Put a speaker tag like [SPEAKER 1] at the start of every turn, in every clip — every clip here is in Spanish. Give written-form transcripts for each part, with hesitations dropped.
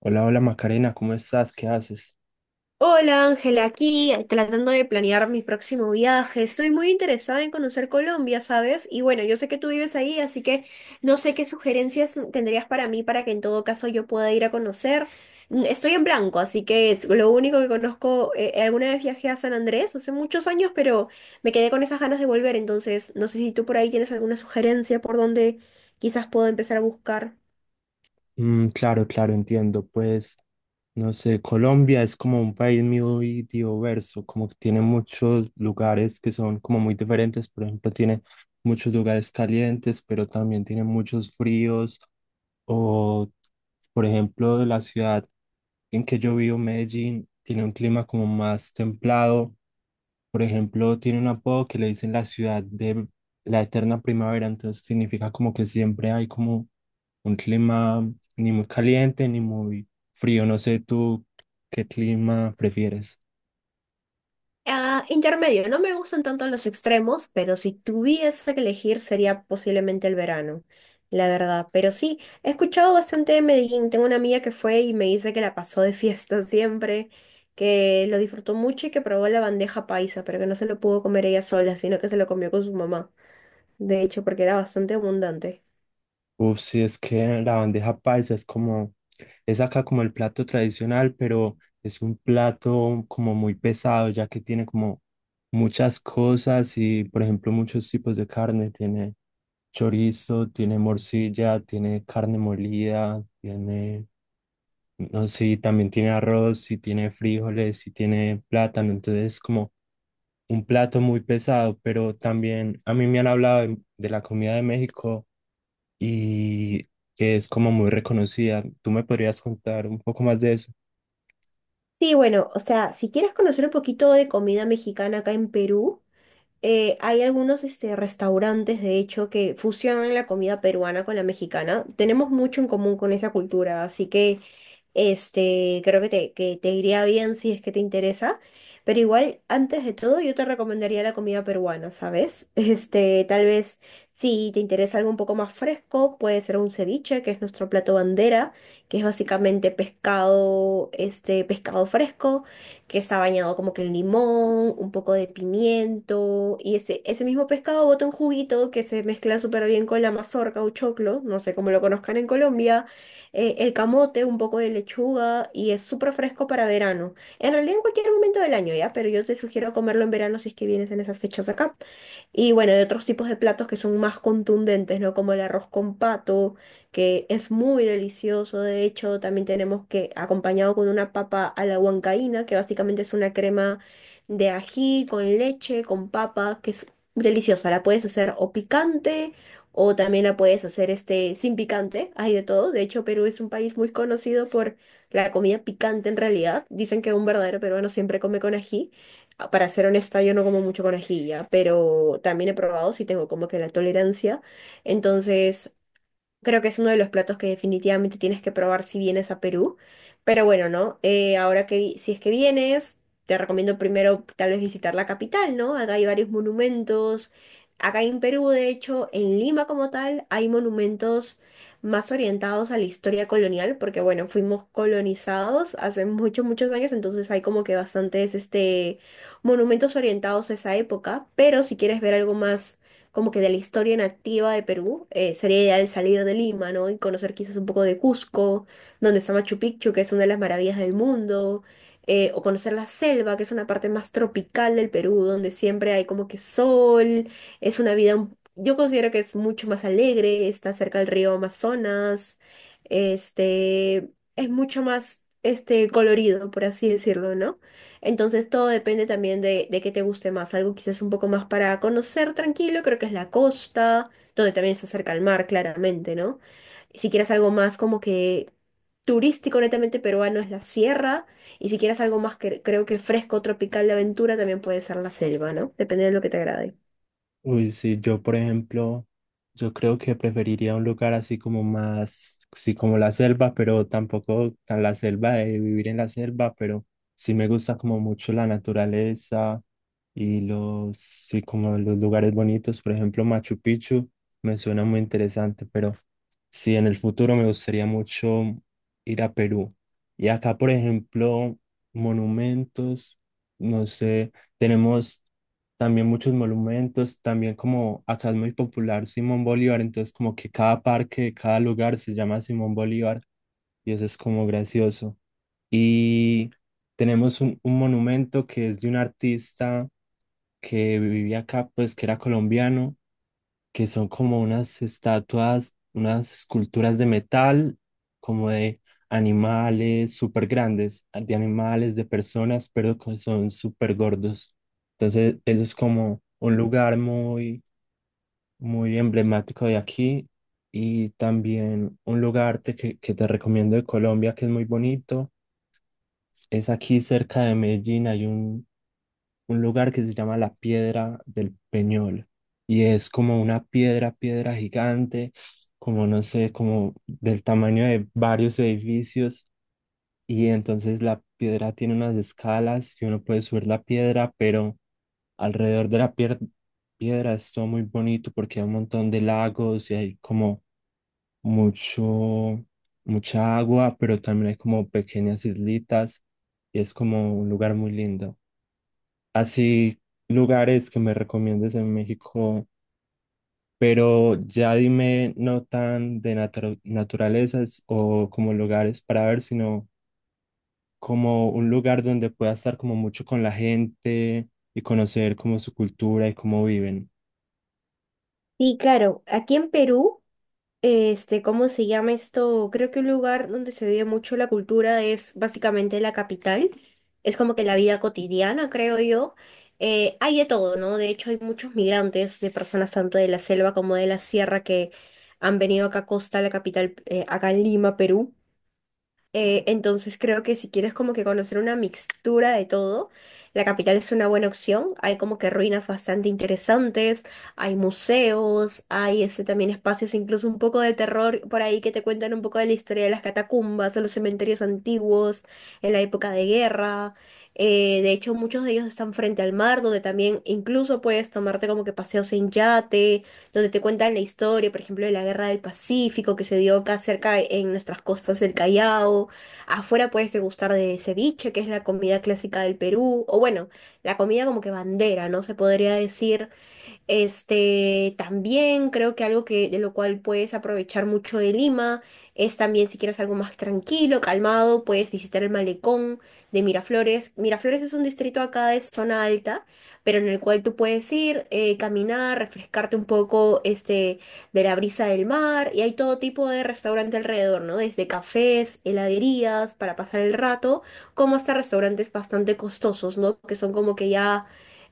[SPEAKER 1] Hola, hola Macarena, ¿cómo estás? ¿Qué haces?
[SPEAKER 2] Hola Ángela, aquí tratando de planear mi próximo viaje. Estoy muy interesada en conocer Colombia, ¿sabes? Y bueno, yo sé que tú vives ahí, así que no sé qué sugerencias tendrías para mí para que en todo caso yo pueda ir a conocer. Mm, estoy en blanco, así que es lo único que conozco. Alguna vez viajé a San Andrés hace muchos años, pero me quedé con esas ganas de volver, entonces no sé si tú por ahí tienes alguna sugerencia por dónde quizás puedo empezar a buscar.
[SPEAKER 1] Claro, entiendo. Pues, no sé, Colombia es como un país muy diverso, como que tiene muchos lugares que son como muy diferentes. Por ejemplo, tiene muchos lugares calientes, pero también tiene muchos fríos. O, por ejemplo, la ciudad en que yo vivo, Medellín, tiene un clima como más templado. Por ejemplo, tiene un apodo que le dicen la ciudad de la eterna primavera, entonces significa como que siempre hay como un clima ni muy caliente ni muy frío. No sé tú qué clima prefieres.
[SPEAKER 2] Ah, intermedio, no me gustan tanto los extremos, pero si tuviese que elegir sería posiblemente el verano, la verdad. Pero sí, he escuchado bastante de Medellín. Tengo una amiga que fue y me dice que la pasó de fiesta siempre, que lo disfrutó mucho y que probó la bandeja paisa, pero que no se lo pudo comer ella sola, sino que se lo comió con su mamá. De hecho, porque era bastante abundante.
[SPEAKER 1] Uf, sí, es que la bandeja paisa es como, es acá como el plato tradicional, pero es un plato como muy pesado, ya que tiene como muchas cosas y, por ejemplo, muchos tipos de carne. Tiene chorizo, tiene morcilla, tiene carne molida, tiene, no sé, y también tiene arroz, y tiene frijoles, y tiene plátano. Entonces es como un plato muy pesado, pero también a mí me han hablado de la comida de México y que es como muy reconocida. ¿Tú me podrías contar un poco más de eso?
[SPEAKER 2] Sí, bueno, o sea, si quieres conocer un poquito de comida mexicana acá en Perú. Hay algunos restaurantes, de hecho, que fusionan la comida peruana con la mexicana. Tenemos mucho en común con esa cultura, así que creo que que te iría bien si es que te interesa. Pero igual, antes de todo, yo te recomendaría la comida peruana, ¿sabes? Tal vez si te interesa algo un poco más fresco, puede ser un ceviche, que es nuestro plato bandera, que es básicamente pescado, pescado fresco que está bañado como que en limón, un poco de pimiento, y ese mismo pescado bota un juguito que se mezcla súper bien con la mazorca o choclo, no sé cómo lo conozcan en Colombia, el camote, un poco de lechuga, y es súper fresco para verano. En realidad en cualquier momento del año, ¿ya? Pero yo te sugiero comerlo en verano si es que vienes en esas fechas acá. Y bueno, de otros tipos de platos que son más contundentes, ¿no? Como el arroz con pato, que es muy delicioso. De hecho, también tenemos que acompañado con una papa a la huancaína, que básicamente es una crema de ají con leche, con papa, que es deliciosa. La puedes hacer o picante o también la puedes hacer sin picante. Hay de todo. De hecho, Perú es un país muy conocido por la comida picante en realidad. Dicen que un verdadero peruano siempre come con ají. Para ser honesta, yo no como mucho con ají, ya, pero también he probado si tengo como que la tolerancia. Entonces, creo que es uno de los platos que definitivamente tienes que probar si vienes a Perú. Pero bueno, ¿no? Si es que vienes, te recomiendo primero tal vez visitar la capital, ¿no? Acá hay varios monumentos. Acá en Perú, de hecho, en Lima como tal, hay monumentos más orientados a la historia colonial, porque bueno, fuimos colonizados hace muchos, muchos años, entonces hay como que bastantes monumentos orientados a esa época. Pero si quieres ver algo más como que de la historia nativa de Perú, sería ideal salir de Lima, ¿no? Y conocer quizás un poco de Cusco, donde está Machu Picchu, que es una de las maravillas del mundo, o conocer la selva, que es una parte más tropical del Perú, donde siempre hay como que sol, es una vida, yo considero que es mucho más alegre, está cerca del río Amazonas, este, es mucho más, colorido, por así decirlo, ¿no? Entonces todo depende también de qué te guste más. Algo quizás un poco más para conocer tranquilo, creo que es la costa, donde también se acerca al mar, claramente, ¿no? Si quieres algo más como que turístico netamente peruano es la sierra, y si quieres algo más que creo que fresco, tropical de aventura, también puede ser la selva, ¿no? Depende de lo que te agrade.
[SPEAKER 1] Uy, sí, yo por ejemplo, yo creo que preferiría un lugar así como más, sí, como la selva, pero tampoco tan la selva de vivir en la selva, pero sí me gusta como mucho la naturaleza y los, sí, como los lugares bonitos, por ejemplo, Machu Picchu me suena muy interesante, pero sí, en el futuro me gustaría mucho ir a Perú. Y acá, por ejemplo, monumentos, no sé, tenemos también muchos monumentos, también como acá es muy popular Simón Bolívar, entonces como que cada parque, cada lugar se llama Simón Bolívar y eso es como gracioso. Y tenemos un monumento que es de un artista que vivía acá, pues que era colombiano, que son como unas estatuas, unas esculturas de metal, como de animales súper grandes, de animales, de personas, pero que son súper gordos. Entonces, eso es como un lugar muy, muy emblemático de aquí y también un lugar que te recomiendo de Colombia que es muy bonito. Es aquí cerca de Medellín, hay un lugar que se llama la Piedra del Peñol y es como una piedra, piedra gigante, como no sé, como del tamaño de varios edificios, y entonces la piedra tiene unas escalas y uno puede subir la piedra, pero alrededor de piedra es todo muy bonito porque hay un montón de lagos y hay como mucho, mucha agua, pero también hay como pequeñas islitas y es como un lugar muy lindo, así lugares que me recomiendes en México, pero ya dime no tan de naturalezas o como lugares para ver, sino como un lugar donde pueda estar como mucho con la gente y conocer como su cultura y cómo viven.
[SPEAKER 2] Sí, claro, aquí en Perú. Este, ¿cómo se llama esto? Creo que un lugar donde se vive mucho la cultura es básicamente la capital. Es como que la vida cotidiana, creo yo. Hay de todo, ¿no? De hecho, hay muchos migrantes de personas tanto de la selva como de la sierra que han venido acá a Costa, la capital, acá en Lima, Perú. Entonces creo que si quieres como que conocer una mixtura de todo, la capital es una buena opción. Hay como que ruinas bastante interesantes, hay museos, hay ese también espacios incluso un poco de terror por ahí que te cuentan un poco de la historia de las catacumbas, de los cementerios antiguos, en la época de guerra. De hecho, muchos de ellos están frente al mar, donde también incluso puedes tomarte como que paseos en yate donde te cuentan la historia, por ejemplo, de la Guerra del Pacífico que se dio acá cerca en nuestras costas del Callao. Afuera puedes degustar de ceviche, que es la comida clásica del Perú, o bueno, la comida como que bandera, ¿no? Se podría decir también creo que algo que de lo cual puedes aprovechar mucho de Lima es también si quieres algo más tranquilo, calmado, puedes visitar el malecón de Miraflores. Miraflores es un distrito acá de zona alta, pero en el cual tú puedes ir, caminar, refrescarte un poco, de la brisa del mar y hay todo tipo de restaurante alrededor, ¿no? Desde cafés, heladerías para pasar el rato, como hasta restaurantes bastante costosos, ¿no? Que son como que ya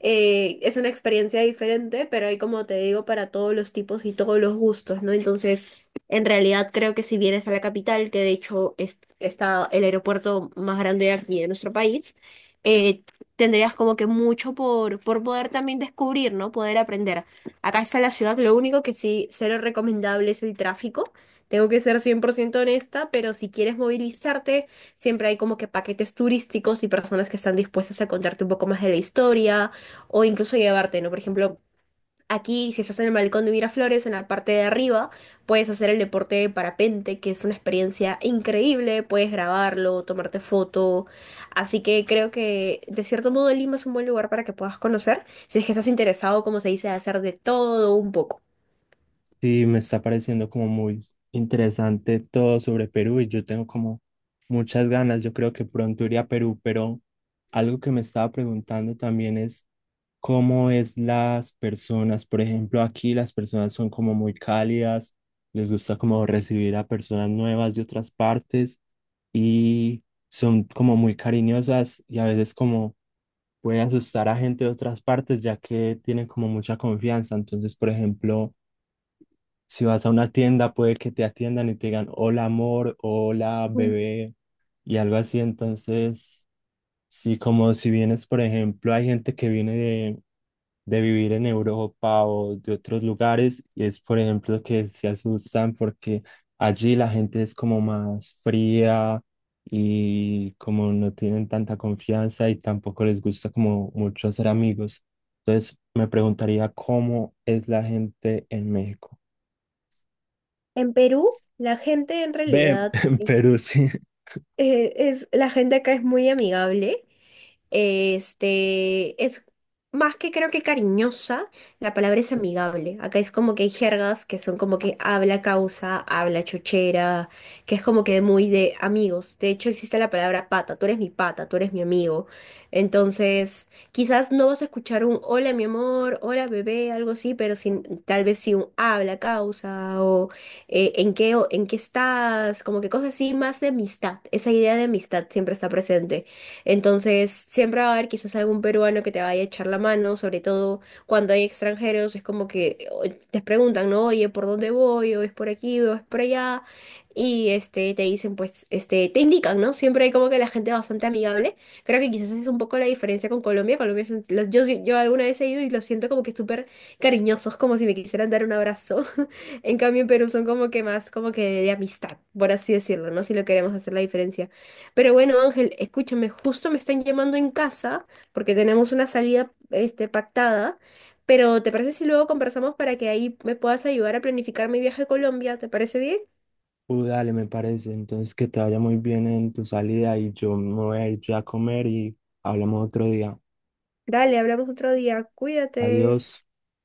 [SPEAKER 2] es una experiencia diferente, pero hay, como te digo, para todos los tipos y todos los gustos, ¿no? Entonces, en realidad creo que si vienes a la capital, que de hecho está el aeropuerto más grande aquí de nuestro país, eh, tendrías como que mucho por poder también descubrir, ¿no? Poder aprender. Acá está la ciudad, lo único que sí, cero recomendable es el tráfico. Tengo que ser 100% honesta, pero si quieres movilizarte, siempre hay como que paquetes turísticos y personas que están dispuestas a contarte un poco más de la historia o incluso llevarte, ¿no? Por ejemplo, aquí si estás en el balcón de Miraflores, en la parte de arriba, puedes hacer el deporte de parapente, que es una experiencia increíble, puedes grabarlo, tomarte foto, así que creo que de cierto modo Lima es un buen lugar para que puedas conocer, si es que estás interesado, como se dice, de hacer de todo un poco.
[SPEAKER 1] Sí, me está pareciendo como muy interesante todo sobre Perú y yo tengo como muchas ganas. Yo creo que pronto iré a Perú, pero algo que me estaba preguntando también es cómo es las personas. Por ejemplo, aquí las personas son como muy cálidas, les gusta como recibir a personas nuevas de otras partes y son como muy cariñosas y a veces como puede asustar a gente de otras partes ya que tienen como mucha confianza. Entonces, por ejemplo, si vas a una tienda, puede que te atiendan y te digan hola amor, hola
[SPEAKER 2] Ujú.
[SPEAKER 1] bebé y algo así. Entonces, sí, como si vienes, por ejemplo, hay gente que viene de vivir en Europa o de otros lugares y es, por ejemplo, que se asustan porque allí la gente es como más fría y como no tienen tanta confianza y tampoco les gusta como mucho hacer amigos. Entonces, me preguntaría cómo es la gente en México.
[SPEAKER 2] En Perú, la gente en
[SPEAKER 1] Ve,
[SPEAKER 2] realidad es,
[SPEAKER 1] pero sí,
[SPEAKER 2] la gente acá es muy amigable. Es más que creo que cariñosa, la palabra es amigable. Acá es como que hay jergas que son como que habla causa, habla chochera, que es como que muy de amigos. De hecho, existe la palabra pata, tú eres mi pata, tú eres mi amigo. Entonces, quizás no vas a escuchar un hola mi amor, hola bebé, algo así, pero sin, tal vez sí un habla causa o en qué estás, como que cosas así, más de amistad. Esa idea de amistad siempre está presente. Entonces, siempre va a haber quizás algún peruano que te vaya a echar la mano, sobre todo cuando hay extranjeros, es como que te preguntan, ¿no? Oye, ¿por dónde voy? ¿O es por aquí? ¿O es por allá? Y te dicen, pues, te indican, ¿no? Siempre hay como que la gente bastante amigable. Creo que quizás esa es un poco la diferencia con Colombia. Colombia es yo, yo alguna vez he ido y los siento como que súper cariñosos, como si me quisieran dar un abrazo. En cambio, en Perú son como que más como que de amistad, por así decirlo, ¿no? Si lo queremos hacer la diferencia. Pero bueno, Ángel, escúchame, justo me están llamando en casa porque tenemos una salida, pactada, pero ¿te parece si luego conversamos para que ahí me puedas ayudar a planificar mi viaje a Colombia? ¿Te parece bien?
[SPEAKER 1] dale, me parece. Entonces, que te vaya muy bien en tu salida y yo me voy a ir ya a comer y hablamos otro día.
[SPEAKER 2] Dale, hablamos otro día. Cuídate.
[SPEAKER 1] Adiós.